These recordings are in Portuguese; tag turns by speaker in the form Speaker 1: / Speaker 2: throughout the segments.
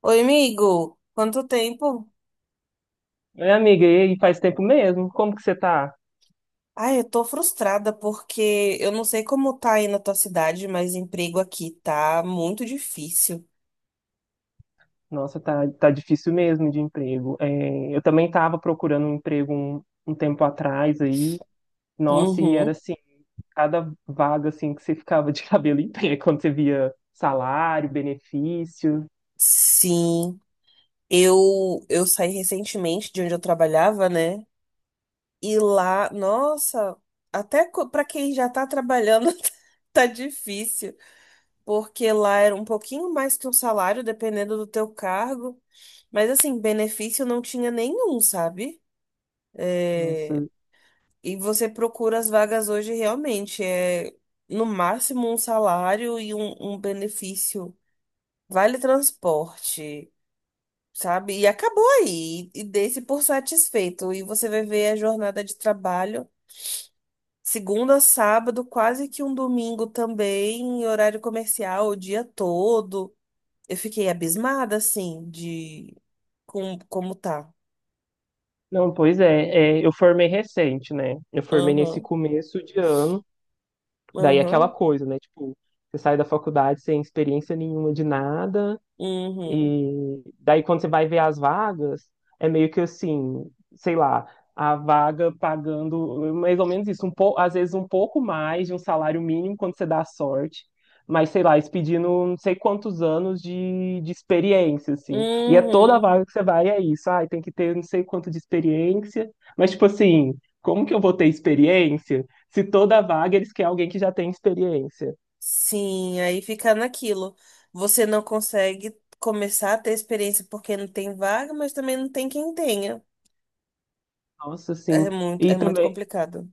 Speaker 1: Oi, amigo. Quanto tempo?
Speaker 2: Oi, amiga, e aí, faz tempo mesmo? Como que você tá?
Speaker 1: Ai, eu tô frustrada porque eu não sei como tá aí na tua cidade, mas emprego aqui tá muito difícil.
Speaker 2: Nossa, tá difícil mesmo de emprego. É, eu também tava procurando um emprego um tempo atrás aí. Nossa, e era
Speaker 1: Uhum.
Speaker 2: assim, cada vaga assim que você ficava de cabelo em pé quando você via salário, benefício.
Speaker 1: Sim. Eu saí recentemente de onde eu trabalhava, né? E lá, nossa, pra quem já tá trabalhando tá difícil, porque lá era um pouquinho mais que um salário dependendo do teu cargo, mas assim, benefício não tinha nenhum, sabe? É.
Speaker 2: Nossa.
Speaker 1: E você procura as vagas hoje realmente, é no máximo um salário e um benefício. Vale transporte, sabe? E acabou aí. E dê-se por satisfeito. E você vai ver a jornada de trabalho, segunda a sábado, quase que um domingo também, em horário comercial, o dia todo. Eu fiquei abismada, assim, como tá.
Speaker 2: Não, pois é, é, eu formei recente, né? Eu formei nesse
Speaker 1: Aham,
Speaker 2: começo de ano, daí aquela
Speaker 1: aham,
Speaker 2: coisa, né? Tipo, você sai da faculdade sem experiência nenhuma de nada.
Speaker 1: uhum,
Speaker 2: E daí, quando você vai ver as vagas, é meio que assim, sei lá, a vaga pagando mais ou menos isso, um pouco às vezes um pouco mais de um salário mínimo quando você dá sorte, mas sei lá, eles pedindo não sei quantos anos de experiência, assim. E é toda
Speaker 1: uhum.
Speaker 2: vaga que você vai, é isso. Ai, tem que ter não sei quanto de experiência, mas tipo assim, como que eu vou ter experiência se toda vaga eles querem alguém que já tem experiência?
Speaker 1: Sim, aí fica naquilo. Você não consegue começar a ter experiência porque não tem vaga, mas também não tem quem tenha.
Speaker 2: Nossa, assim. E
Speaker 1: É muito
Speaker 2: também.
Speaker 1: complicado.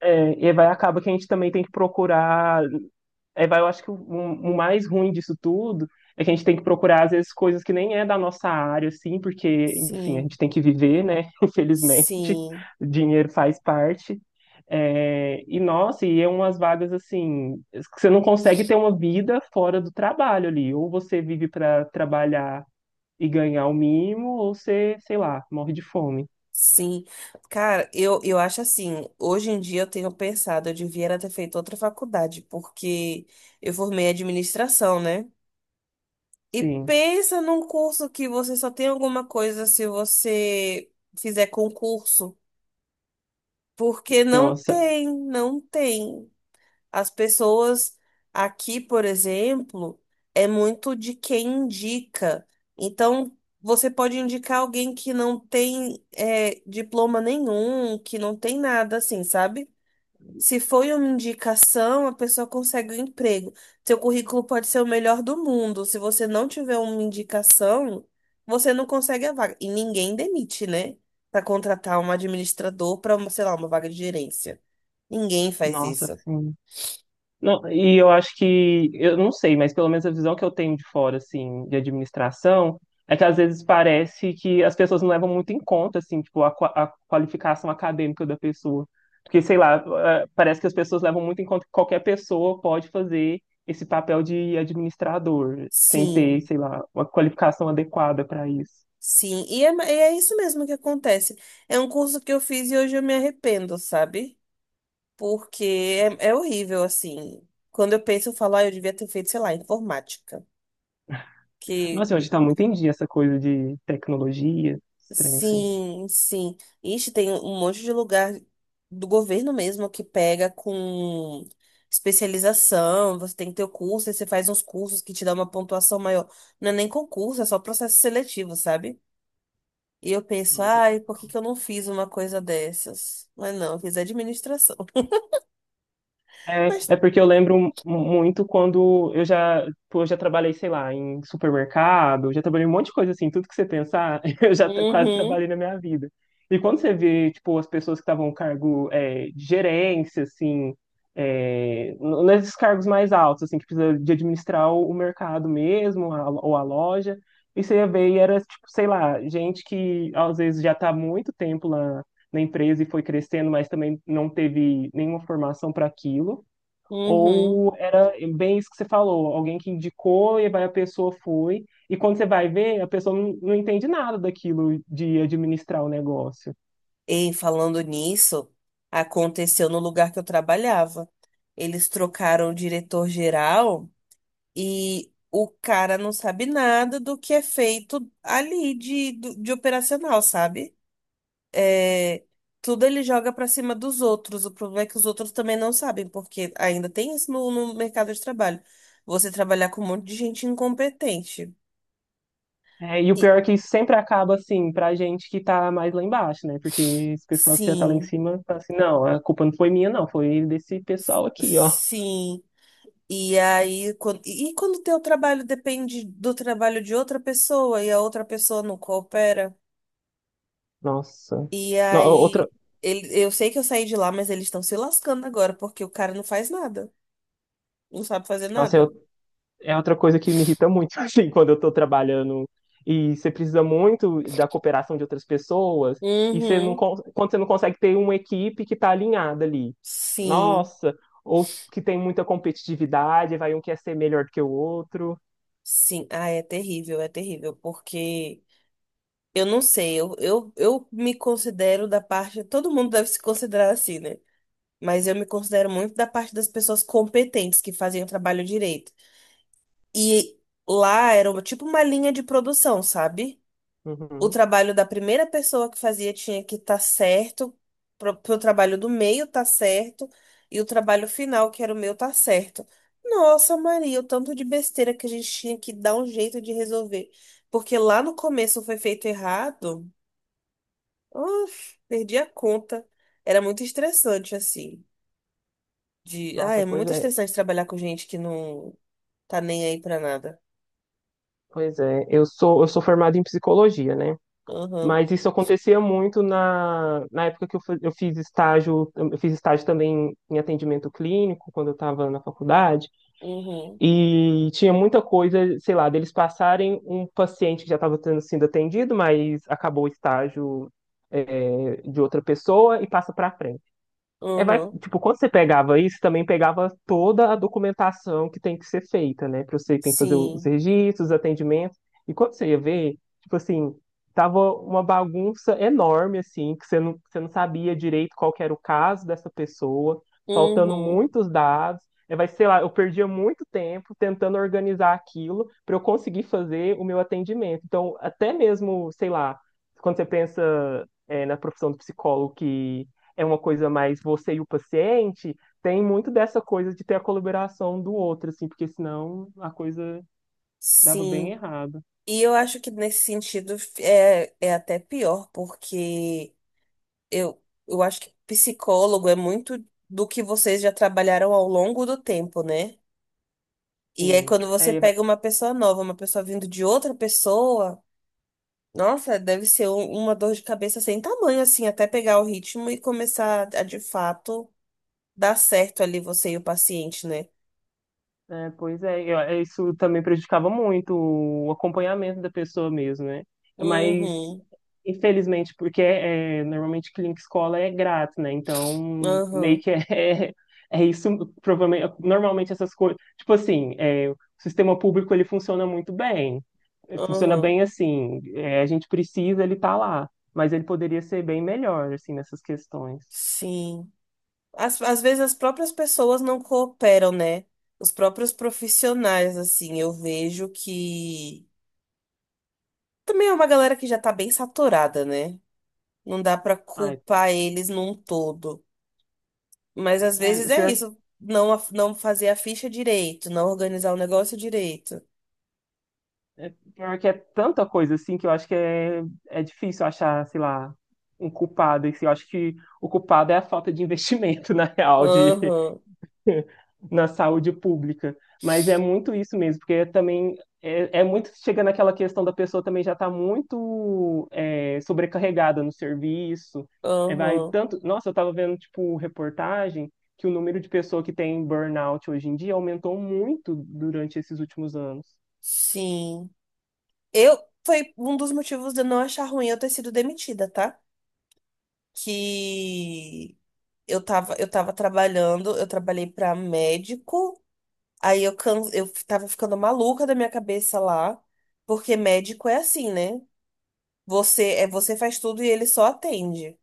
Speaker 2: É, e aí vai acaba que a gente também tem que procurar. Aí vai, eu acho que o mais ruim disso tudo é que a gente tem que procurar, às vezes, coisas que nem é da nossa área, assim, porque, enfim, a gente
Speaker 1: Sim,
Speaker 2: tem que viver, né? Infelizmente,
Speaker 1: sim,
Speaker 2: o dinheiro faz parte. É, e nossa, e é umas vagas assim, que você não consegue ter uma vida fora do trabalho ali. Ou você vive para trabalhar e ganhar o mínimo, ou você, sei lá, morre de fome.
Speaker 1: sim. Cara, eu acho assim, hoje em dia eu tenho pensado, eu devia era ter feito outra faculdade, porque eu formei administração, né? E
Speaker 2: Sim.
Speaker 1: pensa num curso que você só tem alguma coisa se você fizer concurso. Porque não
Speaker 2: Nossa,
Speaker 1: tem, não tem. As pessoas aqui, por exemplo, é muito de quem indica. Então, você pode indicar alguém que não tem diploma nenhum, que não tem nada assim, sabe? Se foi uma indicação, a pessoa consegue um emprego. Seu currículo pode ser o melhor do mundo. Se você não tiver uma indicação, você não consegue a vaga. E ninguém demite, né? Para contratar um administrador para, sei lá, uma vaga de gerência. Ninguém faz
Speaker 2: nossa,
Speaker 1: isso.
Speaker 2: sim. Não, e eu acho que, eu não sei, mas pelo menos a visão que eu tenho de fora, assim, de administração, é que às vezes parece que as pessoas não levam muito em conta, assim, tipo, a, a qualificação acadêmica da pessoa. Porque, sei lá, parece que as pessoas levam muito em conta que qualquer pessoa pode fazer esse papel de administrador, sem ter,
Speaker 1: Sim,
Speaker 2: sei lá, uma qualificação adequada para isso.
Speaker 1: sim. E é isso mesmo que acontece. É um curso que eu fiz e hoje eu me arrependo, sabe? Porque é horrível, assim. Quando eu penso, eu falo, ah, eu devia ter feito, sei lá, informática. Que
Speaker 2: Nossa, hoje está muito em dia essa coisa de tecnologia, estranho, assim.
Speaker 1: sim, sim. Ixi, tem um monte de lugar do governo mesmo que pega com especialização. Você tem que ter o curso, aí você faz uns cursos que te dão uma pontuação maior. Não é nem concurso, é só processo seletivo, sabe? E eu penso,
Speaker 2: Nossa.
Speaker 1: ai, por que que eu não fiz uma coisa dessas? Mas não, eu fiz administração.
Speaker 2: É,
Speaker 1: Mas,
Speaker 2: é porque eu lembro muito quando eu já, pô, eu já trabalhei, sei lá, em supermercado, eu já trabalhei em um monte de coisa assim, tudo que você pensar, eu já quase
Speaker 1: uhum,
Speaker 2: trabalhei na minha vida. E quando você vê, tipo, as pessoas que estavam no cargo é, de gerência, assim, é, nesses cargos mais altos, assim, que precisa de administrar o mercado mesmo, ou a loja, e você ia ver e era, tipo, sei lá, gente que às vezes já está há muito tempo lá na empresa e foi crescendo, mas também não teve nenhuma formação para aquilo.
Speaker 1: uhum.
Speaker 2: Ou era bem isso que você falou, alguém que indicou e vai a pessoa foi, e quando você vai ver, a pessoa não entende nada daquilo de administrar o negócio.
Speaker 1: E falando nisso, aconteceu no lugar que eu trabalhava. Eles trocaram o diretor-geral e o cara não sabe nada do que é feito ali de operacional, sabe? É, tudo ele joga pra cima dos outros. O problema é que os outros também não sabem, porque ainda tem isso no mercado de trabalho. Você trabalhar com um monte de gente incompetente.
Speaker 2: É, e o
Speaker 1: E-
Speaker 2: pior é que isso sempre acaba assim, pra gente que tá mais lá embaixo, né? Porque esse pessoal que já tá lá em
Speaker 1: sim,
Speaker 2: cima fala assim, não, a culpa não foi minha, não, foi desse pessoal aqui, ó.
Speaker 1: sim. E aí, quando o teu trabalho depende do trabalho de outra pessoa e a outra pessoa não coopera?
Speaker 2: Nossa.
Speaker 1: E
Speaker 2: No- outra,
Speaker 1: aí, eu sei que eu saí de lá, mas eles estão se lascando agora, porque o cara não faz nada. Não sabe fazer
Speaker 2: nossa,
Speaker 1: nada.
Speaker 2: é outra coisa que me irrita muito, assim, quando eu estou trabalhando e você precisa muito da cooperação de outras pessoas e você
Speaker 1: Uhum.
Speaker 2: quando você não consegue ter uma equipe que está alinhada ali.
Speaker 1: Sim.
Speaker 2: Nossa, ou que tem muita competitividade, vai um quer ser melhor que o outro.
Speaker 1: Sim, ah, é terrível, porque eu não sei, eu me considero da parte, todo mundo deve se considerar assim, né? Mas eu me considero muito da parte das pessoas competentes que fazem o trabalho direito. E lá era tipo uma linha de produção, sabe? O
Speaker 2: Uhum.
Speaker 1: trabalho da primeira pessoa que fazia tinha que estar certo, pro trabalho do meio tá certo, e o trabalho final, que era o meu, tá certo. Nossa, Maria, o tanto de besteira que a gente tinha que dar um jeito de resolver. Porque lá no começo foi feito errado, uf, perdi a conta. Era muito estressante, assim. De... Ah,
Speaker 2: Nossa,
Speaker 1: é
Speaker 2: pois
Speaker 1: muito
Speaker 2: é.
Speaker 1: estressante trabalhar com gente que não tá nem aí pra nada.
Speaker 2: Pois é, eu sou formado em psicologia, né?
Speaker 1: Uhum,
Speaker 2: Mas isso acontecia muito na, na época que eu, eu fiz estágio também em atendimento clínico, quando eu estava na faculdade.
Speaker 1: uhum,
Speaker 2: E tinha muita coisa, sei lá, deles passarem um paciente que já estava sendo atendido, mas acabou o estágio de outra pessoa e passa para frente. É, vai,
Speaker 1: uhum,
Speaker 2: tipo, quando você pegava isso, também pegava toda a documentação que tem que ser feita, né? Pra você tem que fazer os
Speaker 1: sim,
Speaker 2: registros, os atendimentos. E quando você ia ver, tipo assim, tava uma bagunça enorme, assim, que você você não sabia direito qual que era o caso dessa pessoa, faltando
Speaker 1: uhum.
Speaker 2: muitos dados. É, vai, sei lá, eu perdia muito tempo tentando organizar aquilo para eu conseguir fazer o meu atendimento. Então, até mesmo, sei lá, quando você pensa, é, na profissão do psicólogo que é uma coisa mais você e o paciente, tem muito dessa coisa de ter a colaboração do outro, assim, porque senão a coisa dava bem
Speaker 1: Sim.
Speaker 2: errado.
Speaker 1: E eu acho que nesse sentido é até pior, porque eu acho que psicólogo é muito do que vocês já trabalharam ao longo do tempo, né? E aí
Speaker 2: Sim.
Speaker 1: quando você
Speaker 2: É.
Speaker 1: pega uma pessoa nova, uma pessoa vindo de outra pessoa, nossa, deve ser uma dor de cabeça sem tamanho, assim, até pegar o ritmo e começar a de fato dar certo ali você e o paciente, né?
Speaker 2: É, pois é, eu- é, isso também prejudicava muito o acompanhamento da pessoa mesmo, né? Mas,
Speaker 1: Uhum,
Speaker 2: infelizmente, porque é, normalmente clínica escola é grátis, né? Então, meio
Speaker 1: uhum,
Speaker 2: que é, é isso, provavelmente, normalmente essas coisas, tipo assim, é, o sistema público, ele funciona muito bem, funciona
Speaker 1: uhum.
Speaker 2: bem assim, é, a gente precisa, ele tá lá, mas ele poderia ser bem melhor, assim, nessas questões.
Speaker 1: Sim. As, às vezes as próprias pessoas não cooperam, né? Os próprios profissionais, assim, eu vejo que também é uma galera que já tá bem saturada, né? Não dá pra
Speaker 2: Ai,
Speaker 1: culpar eles num todo. Mas às
Speaker 2: é,
Speaker 1: vezes é
Speaker 2: pior.
Speaker 1: isso, não, não fazer a ficha direito, não organizar o negócio direito.
Speaker 2: É porque é tanta coisa assim que eu acho que é, é difícil achar, sei lá, um culpado. E se eu acho que o culpado é a falta de investimento, na real, de,
Speaker 1: Aham,
Speaker 2: na saúde pública. Mas é muito isso mesmo, porque também é, é muito chega naquela questão da pessoa também já está muito é, sobrecarregada no serviço. É, vai
Speaker 1: aham,
Speaker 2: tanto. Nossa, eu estava vendo tipo reportagem que o número de pessoa que tem burnout hoje em dia aumentou muito durante esses últimos anos.
Speaker 1: sim. Eu, foi um dos motivos de eu não achar ruim eu ter sido demitida, tá? Que eu tava, eu trabalhei pra médico, aí eu, eu tava ficando maluca da minha cabeça lá, porque médico é assim, né? Você faz tudo e ele só atende.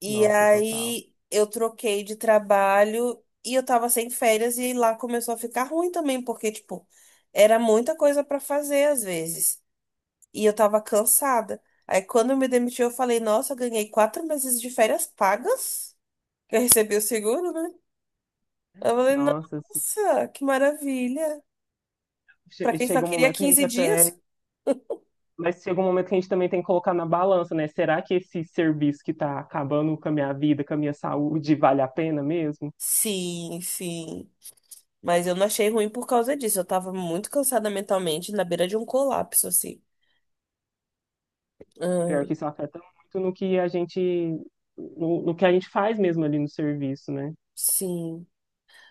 Speaker 1: E
Speaker 2: Nossa, total.
Speaker 1: aí eu troquei de trabalho e eu tava sem férias e lá começou a ficar ruim também, porque tipo, era muita coisa pra fazer às vezes. E eu tava cansada. Aí quando eu me demiti, eu falei, nossa, eu ganhei 4 meses de férias pagas, que eu recebi o seguro, né? Eu falei,
Speaker 2: Nossa, assim,
Speaker 1: nossa, que maravilha. Pra
Speaker 2: che-
Speaker 1: quem só
Speaker 2: chega um
Speaker 1: queria
Speaker 2: momento que a
Speaker 1: 15
Speaker 2: gente
Speaker 1: dias?
Speaker 2: até. Mas chega um momento que a gente também tem que colocar na balança, né? Será que esse serviço que tá acabando com a minha vida, com a minha saúde, vale a pena mesmo?
Speaker 1: Sim, sim. Mas eu não achei ruim por causa disso. Eu tava muito cansada mentalmente, na beira de um colapso, assim.
Speaker 2: Pior que
Speaker 1: Ai,
Speaker 2: isso afeta muito no que a gente. No, no que a gente faz mesmo ali no serviço, né?
Speaker 1: sim.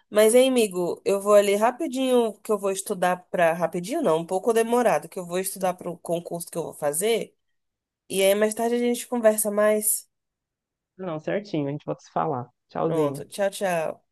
Speaker 1: Mas, hein, amigo, eu vou ali rapidinho, que eu vou estudar pra... Rapidinho não, um pouco demorado, que eu vou estudar pro concurso que eu vou fazer. E aí, mais tarde a gente conversa mais.
Speaker 2: Não, certinho, a gente volta a se falar.
Speaker 1: Pronto,
Speaker 2: Tchauzinho.
Speaker 1: tchau, tchau.